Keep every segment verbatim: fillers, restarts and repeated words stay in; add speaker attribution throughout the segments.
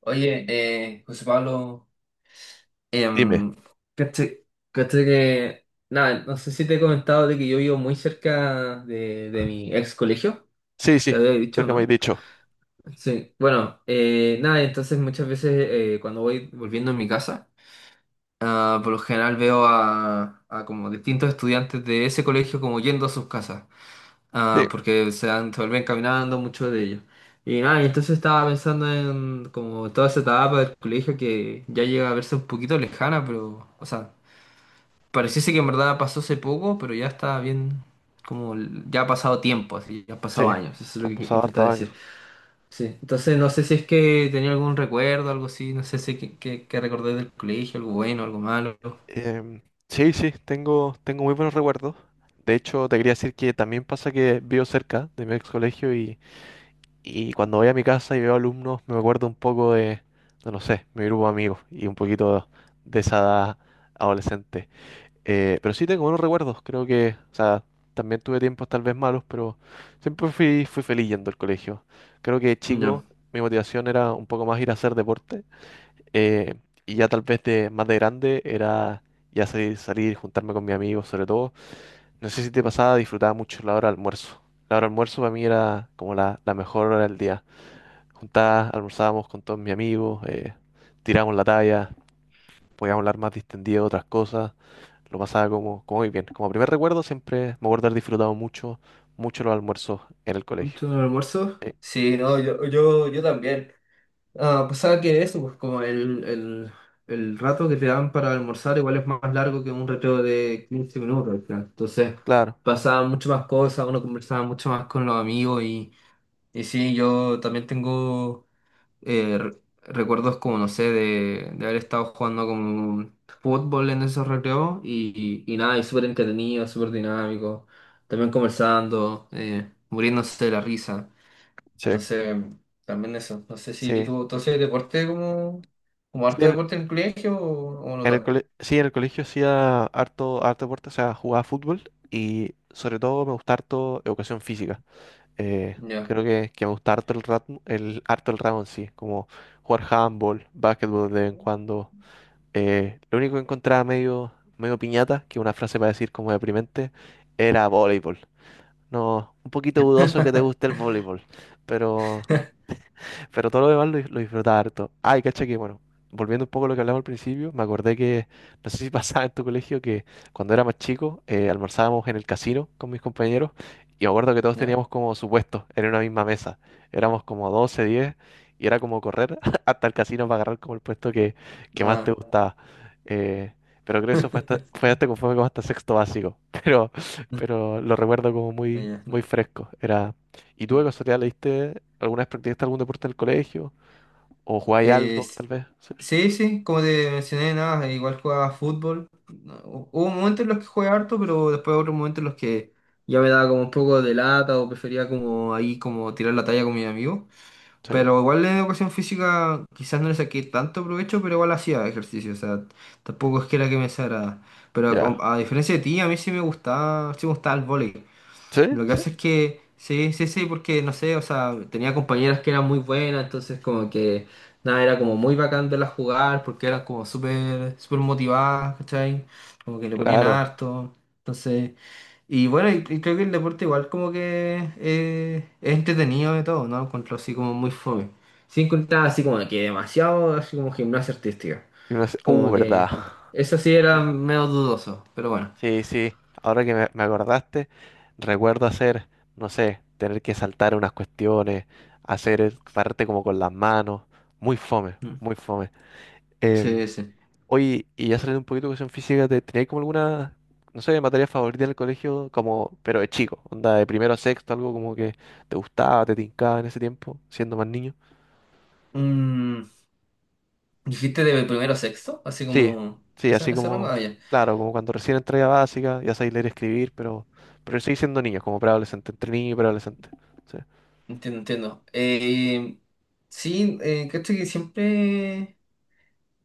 Speaker 1: Oye, eh, José Pablo,
Speaker 2: Dime.
Speaker 1: em, caché, caché que, nada, no sé si te he comentado de que yo vivo muy cerca de, de mi ex colegio,
Speaker 2: Sí,
Speaker 1: te
Speaker 2: sí,
Speaker 1: había
Speaker 2: creo
Speaker 1: dicho,
Speaker 2: que me has
Speaker 1: ¿no?
Speaker 2: dicho.
Speaker 1: Sí, bueno, eh, nada, entonces muchas veces eh, cuando voy volviendo a mi casa, ah, por lo general veo a, a como distintos estudiantes de ese colegio como yendo a sus casas. Ah,
Speaker 2: Sí,
Speaker 1: porque se, dan- se vuelven caminando mucho de ellos. Y nada, y entonces estaba pensando en como toda esa etapa del colegio que ya llega a verse un poquito lejana, pero, o sea, pareciese que en verdad pasó hace poco, pero ya está bien, como l- ya ha pasado tiempo, así, ya han pasado
Speaker 2: sí,
Speaker 1: años, eso es lo
Speaker 2: han
Speaker 1: que que
Speaker 2: pasado hartos
Speaker 1: intentaba
Speaker 2: años.
Speaker 1: decir. Sí, entonces no sé si es que tenía algún recuerdo, algo así, no sé si que, que, que recordé del colegio, algo bueno, algo malo.
Speaker 2: Em, sí, sí, tengo, tengo muy buenos recuerdos. De hecho, te quería decir que también pasa que vivo cerca de mi ex colegio y, y cuando voy a mi casa y veo alumnos, me acuerdo un poco de, no, no sé, mi grupo de amigos y un poquito de esa edad adolescente. Eh, pero sí tengo buenos recuerdos, creo que, o sea, también tuve tiempos tal vez malos, pero siempre fui, fui feliz yendo al colegio. Creo que de
Speaker 1: No.
Speaker 2: chico mi motivación era un poco más ir a hacer deporte eh, y ya tal vez de más de grande era ya salir, salir, juntarme con mis amigos sobre todo. No sé si te pasaba, disfrutaba mucho la hora de almuerzo. La hora de almuerzo para mí era como la, la mejor hora del día. Juntadas, almorzábamos con todos mis amigos, eh, tirábamos la talla, podíamos hablar más distendido de otras cosas. Lo pasaba como, como muy bien. Como primer recuerdo, siempre me acuerdo haber disfrutado mucho, mucho los almuerzos en el colegio.
Speaker 1: ¿Mucho almuerzo?
Speaker 2: Eh,
Speaker 1: Sí, no, yo, yo, yo también. Ah, pasaba que eso, pues como el, el, el rato que te dan para almorzar igual es más largo que un recreo de quince minutos al final. Entonces
Speaker 2: claro,
Speaker 1: pasaban muchas más cosas, uno conversaba mucho más con los amigos y, y sí, yo también tengo eh, re- recuerdos como, no sé, de, de haber estado jugando como fútbol en esos recreos y, y, y nada, y súper entretenido, súper dinámico, también conversando, eh, muriéndose de la risa.
Speaker 2: sí,
Speaker 1: Entonces, también eso. No sé si
Speaker 2: sí.
Speaker 1: tú, entonces, deporte como, como
Speaker 2: Sí,
Speaker 1: harto
Speaker 2: en,
Speaker 1: deporte en el colegio o, o no
Speaker 2: en el
Speaker 1: tanto.
Speaker 2: cole- sí, en el colegio hacía harto, harto deporte, o sea, jugaba fútbol y sobre todo me gusta harto educación física. Eh,
Speaker 1: Ya.
Speaker 2: creo que, que me gusta harto el, rat- el, harto el ramo en sí, como jugar handball, básquetbol de vez en cuando. Eh, lo único que encontraba medio, medio piñata, que es una frase para decir como deprimente, era voleibol. No, un poquito dudoso que te guste el voleibol, pero, pero todo lo demás lo, lo disfrutaba harto. Ay, cacha que, bueno, volviendo un poco a lo que hablamos al principio, me acordé que, no sé si pasaba en tu colegio, que cuando era más chico, eh, almorzábamos en el casino con mis compañeros y me acuerdo que todos
Speaker 1: Ya.
Speaker 2: teníamos como su puesto en una misma mesa. Éramos como doce diez y era como correr hasta el casino para agarrar como el puesto que, que más te
Speaker 1: Ah.
Speaker 2: gustaba. Eh, pero creo que eso fue hasta, fue hasta conforme como hasta sexto básico. Pero, pero lo recuerdo como
Speaker 1: Ya,
Speaker 2: muy,
Speaker 1: ya, no,
Speaker 2: muy fresco. Era, ¿Y tú
Speaker 1: no.
Speaker 2: de casualidad leíste alguna vez practicaste algún deporte en el colegio? ¿O jugáis
Speaker 1: Eh,
Speaker 2: algo,
Speaker 1: s-
Speaker 2: tal vez? Sí,
Speaker 1: sí, sí, como te mencioné, nada, igual jugaba fútbol. No, hu- hubo momentos en los que jugué harto, pero después otros momentos en los que ya me daba como un poco de lata o prefería como ahí como tirar la talla con mis amigos.
Speaker 2: sí,
Speaker 1: Pero igual en educación física quizás no le saqué tanto provecho, pero igual hacía ejercicio, o sea, tampoco es que era que me desagrada. Pero a, com-
Speaker 2: ya.
Speaker 1: a diferencia de ti, a mí sí me gustaba, sí me gustaba el vóley.
Speaker 2: ¿Sí?
Speaker 1: Lo que
Speaker 2: ¿Sí?
Speaker 1: hace es que, sí, sí, sí, porque no sé, o sea, tenía compañeras que eran muy buenas, entonces como que, nada, era como muy bacán verlas jugar, porque eran como súper, súper motivadas, ¿cachai? Como que le ponían
Speaker 2: Claro.
Speaker 1: harto, entonces, y bueno, y, y creo que el deporte igual como que eh, es entretenido de todo, ¿no? Lo encuentro así como muy fome. Sin contar así como que demasiado, así como gimnasia artística,
Speaker 2: Y uno dice, uh,
Speaker 1: como
Speaker 2: verdad.
Speaker 1: que eso sí era medio dudoso, pero bueno,
Speaker 2: Sí, sí. Ahora que me, me acordaste, recuerdo hacer, no sé, tener que saltar unas cuestiones, hacer, eh, pararte como con las manos. Muy fome,
Speaker 1: mm.
Speaker 2: muy fome. Em,
Speaker 1: Sí, sí.
Speaker 2: Oye, y ya saliendo un poquito de cuestión física, ¿te- ¿tenías como alguna, no sé, materia favorita en el colegio, como, pero de chico, onda de primero a sexto, algo como que te gustaba, te tincaba en ese tiempo, siendo más niño?
Speaker 1: Mm, ¿dijiste de primero a sexto? Así
Speaker 2: Sí,
Speaker 1: como...
Speaker 2: sí,
Speaker 1: ¿Ese,
Speaker 2: así
Speaker 1: ese rango?
Speaker 2: como,
Speaker 1: Ah, ya.
Speaker 2: claro, como cuando recién entré a básica, ya sabéis leer y escribir, pero, pero seguís siendo niños, como preadolescente, entre niño y preadolescente. Sí,
Speaker 1: Entiendo, entiendo. Eh, sí, eh, cacho que siempre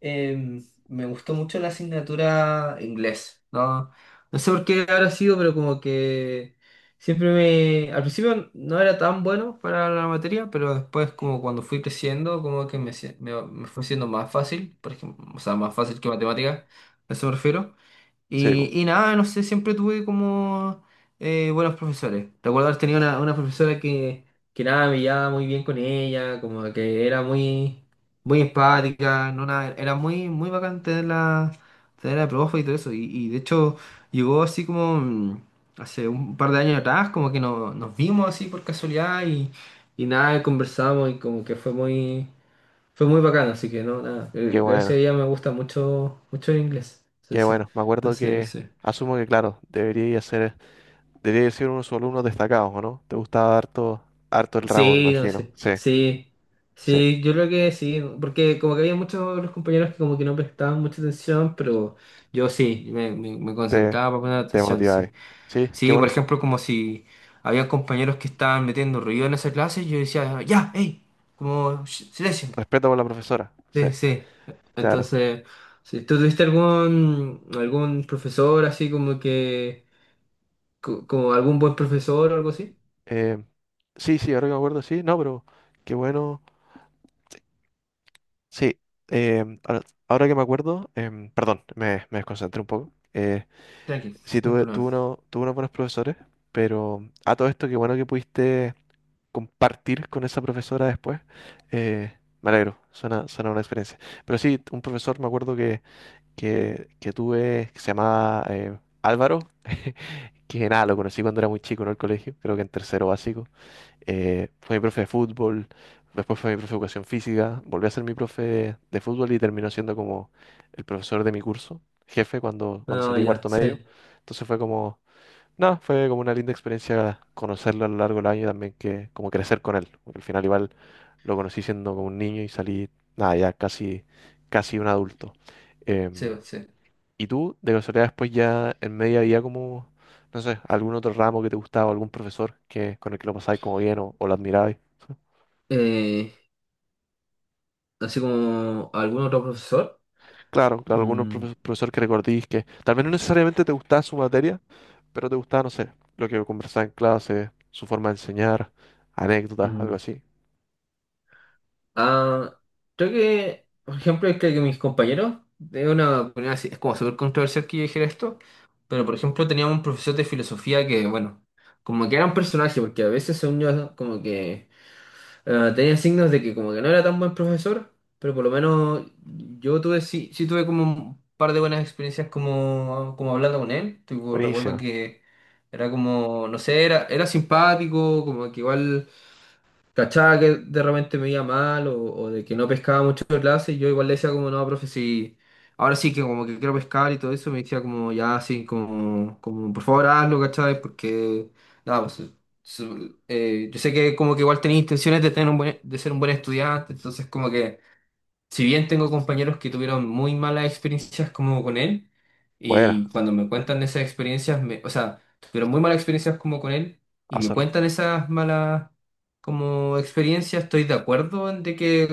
Speaker 1: eh, me gustó mucho la asignatura inglés, ¿no? No sé por qué habrá sido, pero como que siempre me... Al principio no era tan bueno para la materia, pero después como cuando fui creciendo, como que me, hacía- me, me fue siendo más fácil, por ejemplo, o sea, más fácil que matemática, a eso me refiero.
Speaker 2: sí,
Speaker 1: Y,
Speaker 2: po.
Speaker 1: y nada, no sé, siempre tuve como eh, buenos profesores. Recuerdo haber tenido una, una profesora que, que nada, me llevaba muy bien con ella, como que era muy, muy empática, no nada, era muy, muy bacán tenerla, tenerla de profe y todo eso. Y, y de hecho llegó así como mm, hace un par de años atrás, como que no- nos vimos así por casualidad y, y nada, conversamos y como que fue muy... Fue muy bacano, así que no, nada.
Speaker 2: Qué
Speaker 1: eh, Gracias a
Speaker 2: bueno,
Speaker 1: ella me gusta mucho, mucho el inglés. Sí,
Speaker 2: qué
Speaker 1: sí.
Speaker 2: bueno. Me acuerdo
Speaker 1: Entonces,
Speaker 2: que,
Speaker 1: sí.
Speaker 2: asumo que, claro, debería ser, debería ser uno de sus alumnos destacados, ¿o no? Te gustaba harto, harto el ramo, me
Speaker 1: Sí, no
Speaker 2: imagino.
Speaker 1: sé.
Speaker 2: Sí.
Speaker 1: Sí.
Speaker 2: Sí.
Speaker 1: Sí, yo creo que sí. Porque como que había muchos de los compañeros que como que no prestaban mucha atención, pero yo sí, me, me, me
Speaker 2: Te,
Speaker 1: concentraba para poner
Speaker 2: te
Speaker 1: atención,
Speaker 2: motiváis.
Speaker 1: sí.
Speaker 2: Sí, qué
Speaker 1: Sí,
Speaker 2: bueno.
Speaker 1: por
Speaker 2: sa-
Speaker 1: ejemplo, como si había compañeros que estaban metiendo ruido en esa clase, yo decía, ya, hey, como "Shh, silencio".
Speaker 2: Respeto por la profesora. Sí,
Speaker 1: Sí, sí.
Speaker 2: claro.
Speaker 1: Entonces, si tú tuviste algún algún profesor así como que co- como algún buen profesor o algo así,
Speaker 2: Eh, sí, sí, ahora que me acuerdo, sí. No, pero qué bueno. Sí, eh, ahora, ahora que me acuerdo, em, perdón, me, me desconcentré un poco. Eh,
Speaker 1: tranquilo,
Speaker 2: sí,
Speaker 1: no hay
Speaker 2: tuve, tuve,
Speaker 1: problema.
Speaker 2: uno- tuve unos buenos profesores, pero a todo esto, qué bueno que pudiste compartir con esa profesora después. Eh, Me alegro, suena, suena una experiencia. Pero sí, un profesor me acuerdo que, que, que tuve, que se llamaba eh, Álvaro, que nada, lo conocí cuando era muy chico, ¿no? El colegio, creo que en tercero básico. Eh, fue mi profe de fútbol, después fue mi profe de educación física, volví a ser mi profe de fútbol y terminó siendo como el profesor de mi curso, jefe cuando, cuando
Speaker 1: No,
Speaker 2: salí de
Speaker 1: ya,
Speaker 2: cuarto medio.
Speaker 1: sí,
Speaker 2: Entonces fue como, nada, fue como una linda experiencia conocerlo a lo largo del año y también que como crecer con él, porque al final igual lo conocí siendo como un niño y salí, nada, ya casi, casi un adulto.
Speaker 1: sí,
Speaker 2: Em,
Speaker 1: sí.
Speaker 2: ¿Y tú, de casualidad, después ya en media había como, no sé, algún otro ramo que te gustaba, algún profesor que, con el que lo pasabais como bien o, o lo admirabais?
Speaker 1: Eh, así como algún otro profesor.
Speaker 2: Claro, claro, algún
Speaker 1: Mm,
Speaker 2: profe- profesor que recordís que tal vez no necesariamente te gustaba su materia, pero te gustaba, no sé, lo que conversaba en clase, su forma de enseñar, anécdotas, algo
Speaker 1: mm.
Speaker 2: así.
Speaker 1: Ah, creo que, por ejemplo, creo que mis compañeros, de una opinión así, es como súper controversial que yo dijera esto, pero por ejemplo teníamos un profesor de filosofía que, bueno, como que era un personaje, porque a veces son yo como que Eh, tenía signos de que como que no era tan buen profesor, pero por lo menos yo tuve, sí, sí tuve como un par de buenas experiencias como, como hablando con él. Tipo, recuerdo
Speaker 2: Buenísimo.
Speaker 1: que era como, no sé, era, era simpático, como que igual cachaba que de repente me iba mal o, o de que no pescaba mucho en clase, y yo igual le decía como, no, profe, sí, ahora sí que como que quiero pescar y todo eso, me decía como, ya, sí, como, como por favor hazlo, ¿cachai? Porque, nada, pues, su- eh, yo sé que como que igual tenía intenciones de, tener un buen- de ser un buen estudiante, entonces como que si bien tengo compañeros que tuvieron muy malas experiencias como con él,
Speaker 2: Buena.
Speaker 1: y cuando me
Speaker 2: Eh,
Speaker 1: cuentan esas experiencias, me, o sea, tuvieron muy malas experiencias como con él, y
Speaker 2: Ah,
Speaker 1: me
Speaker 2: sorry.
Speaker 1: cuentan esas malas como experiencias, estoy de acuerdo en de que eh,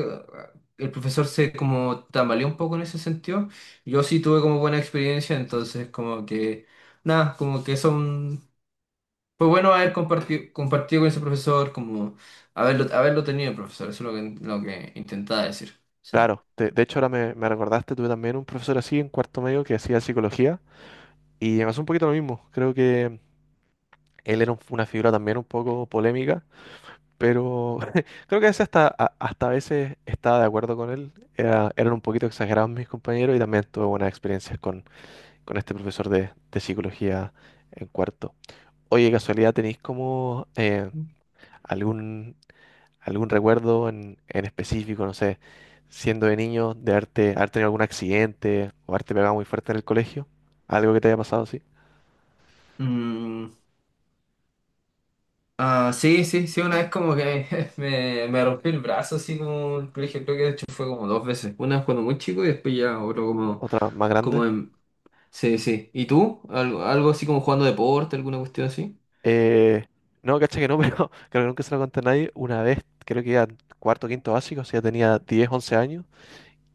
Speaker 1: el profesor se como tambaleó un poco en ese sentido. Yo sí tuve como buena experiencia, entonces como que, nada, como que son, fue bueno haber compartido, compartido con ese profesor, como haberlo, haberlo tenido, profesor, eso es lo que, lo que intentaba decir. Sí.
Speaker 2: Claro, de, de hecho ahora me, me recordaste, tuve también un profesor así en cuarto medio que hacía psicología y me pasó un poquito lo mismo. Creo que él era un- una figura también un poco polémica. Pero creo que ese hasta, a- hasta a veces estaba de acuerdo con él. Era- eran un poquito exagerados mis compañeros y también tuve buenas experiencias con, con este profesor de, de psicología en cuarto. Oye, casualidad, ¿tenéis como eh, algún, algún recuerdo en, en específico, no sé, siendo de niño, de haberte, haber tenido algún accidente o haberte pegado muy fuerte en el colegio? ¿Algo que te haya pasado así?
Speaker 1: Mm, ah, sí, sí, sí, una vez como que me, me rompí el brazo así como en el colegio, creo que de hecho fue como dos veces. Una vez cuando muy chico y después ya otro como,
Speaker 2: ¿Otra más grande?
Speaker 1: como en... Sí, sí. ¿Y tú? ¿Algo, algo así como jugando deporte, alguna cuestión así?
Speaker 2: Eh, no, caché que no, pero creo que nunca se lo conté a nadie. Una vez, creo que iba en cuarto, quinto básico, o sea, tenía diez once años,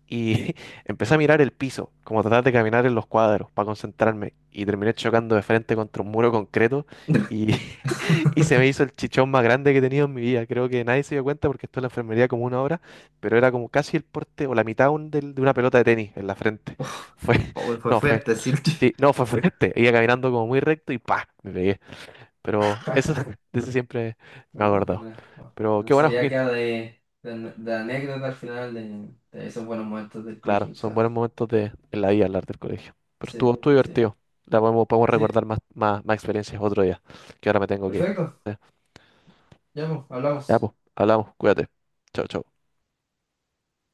Speaker 2: y empecé a mirar el piso, como tratar de caminar en los cuadros para concentrarme, y terminé chocando de frente contra un muro concreto, y, y se me hizo el chichón más grande que he tenido en mi vida. Creo que nadie se dio cuenta porque estuve en la enfermería como una hora, pero era como casi el porte o la mitad un- del- de una pelota de tenis en la frente.
Speaker 1: Oh,
Speaker 2: Fue,
Speaker 1: oh, fue
Speaker 2: no, fue,
Speaker 1: fuerte, sí.
Speaker 2: sí, no, fue fuerte. Iba caminando como muy recto y ¡pa! Me pegué. Pero eso, de eso siempre me ha
Speaker 1: No, que
Speaker 2: acordado.
Speaker 1: me- oh,
Speaker 2: Pero qué
Speaker 1: eso
Speaker 2: bueno,
Speaker 1: ya
Speaker 2: Joaquín.
Speaker 1: queda de, de, ane- de anécdota al final de, de esos buenos momentos del
Speaker 2: Claro,
Speaker 1: colegio,
Speaker 2: son
Speaker 1: quizás.
Speaker 2: buenos momentos de, en la vida hablar del colegio. Pero estuvo,
Speaker 1: Sí,
Speaker 2: estuvo
Speaker 1: sí,
Speaker 2: divertido. La podemos, podemos
Speaker 1: sí.
Speaker 2: recordar más, más, más experiencias otro día, que ahora me tengo que ir.
Speaker 1: Perfecto, ya pues,
Speaker 2: Ya,
Speaker 1: hablamos.
Speaker 2: pues, hablamos. Cuídate. Chao, chao.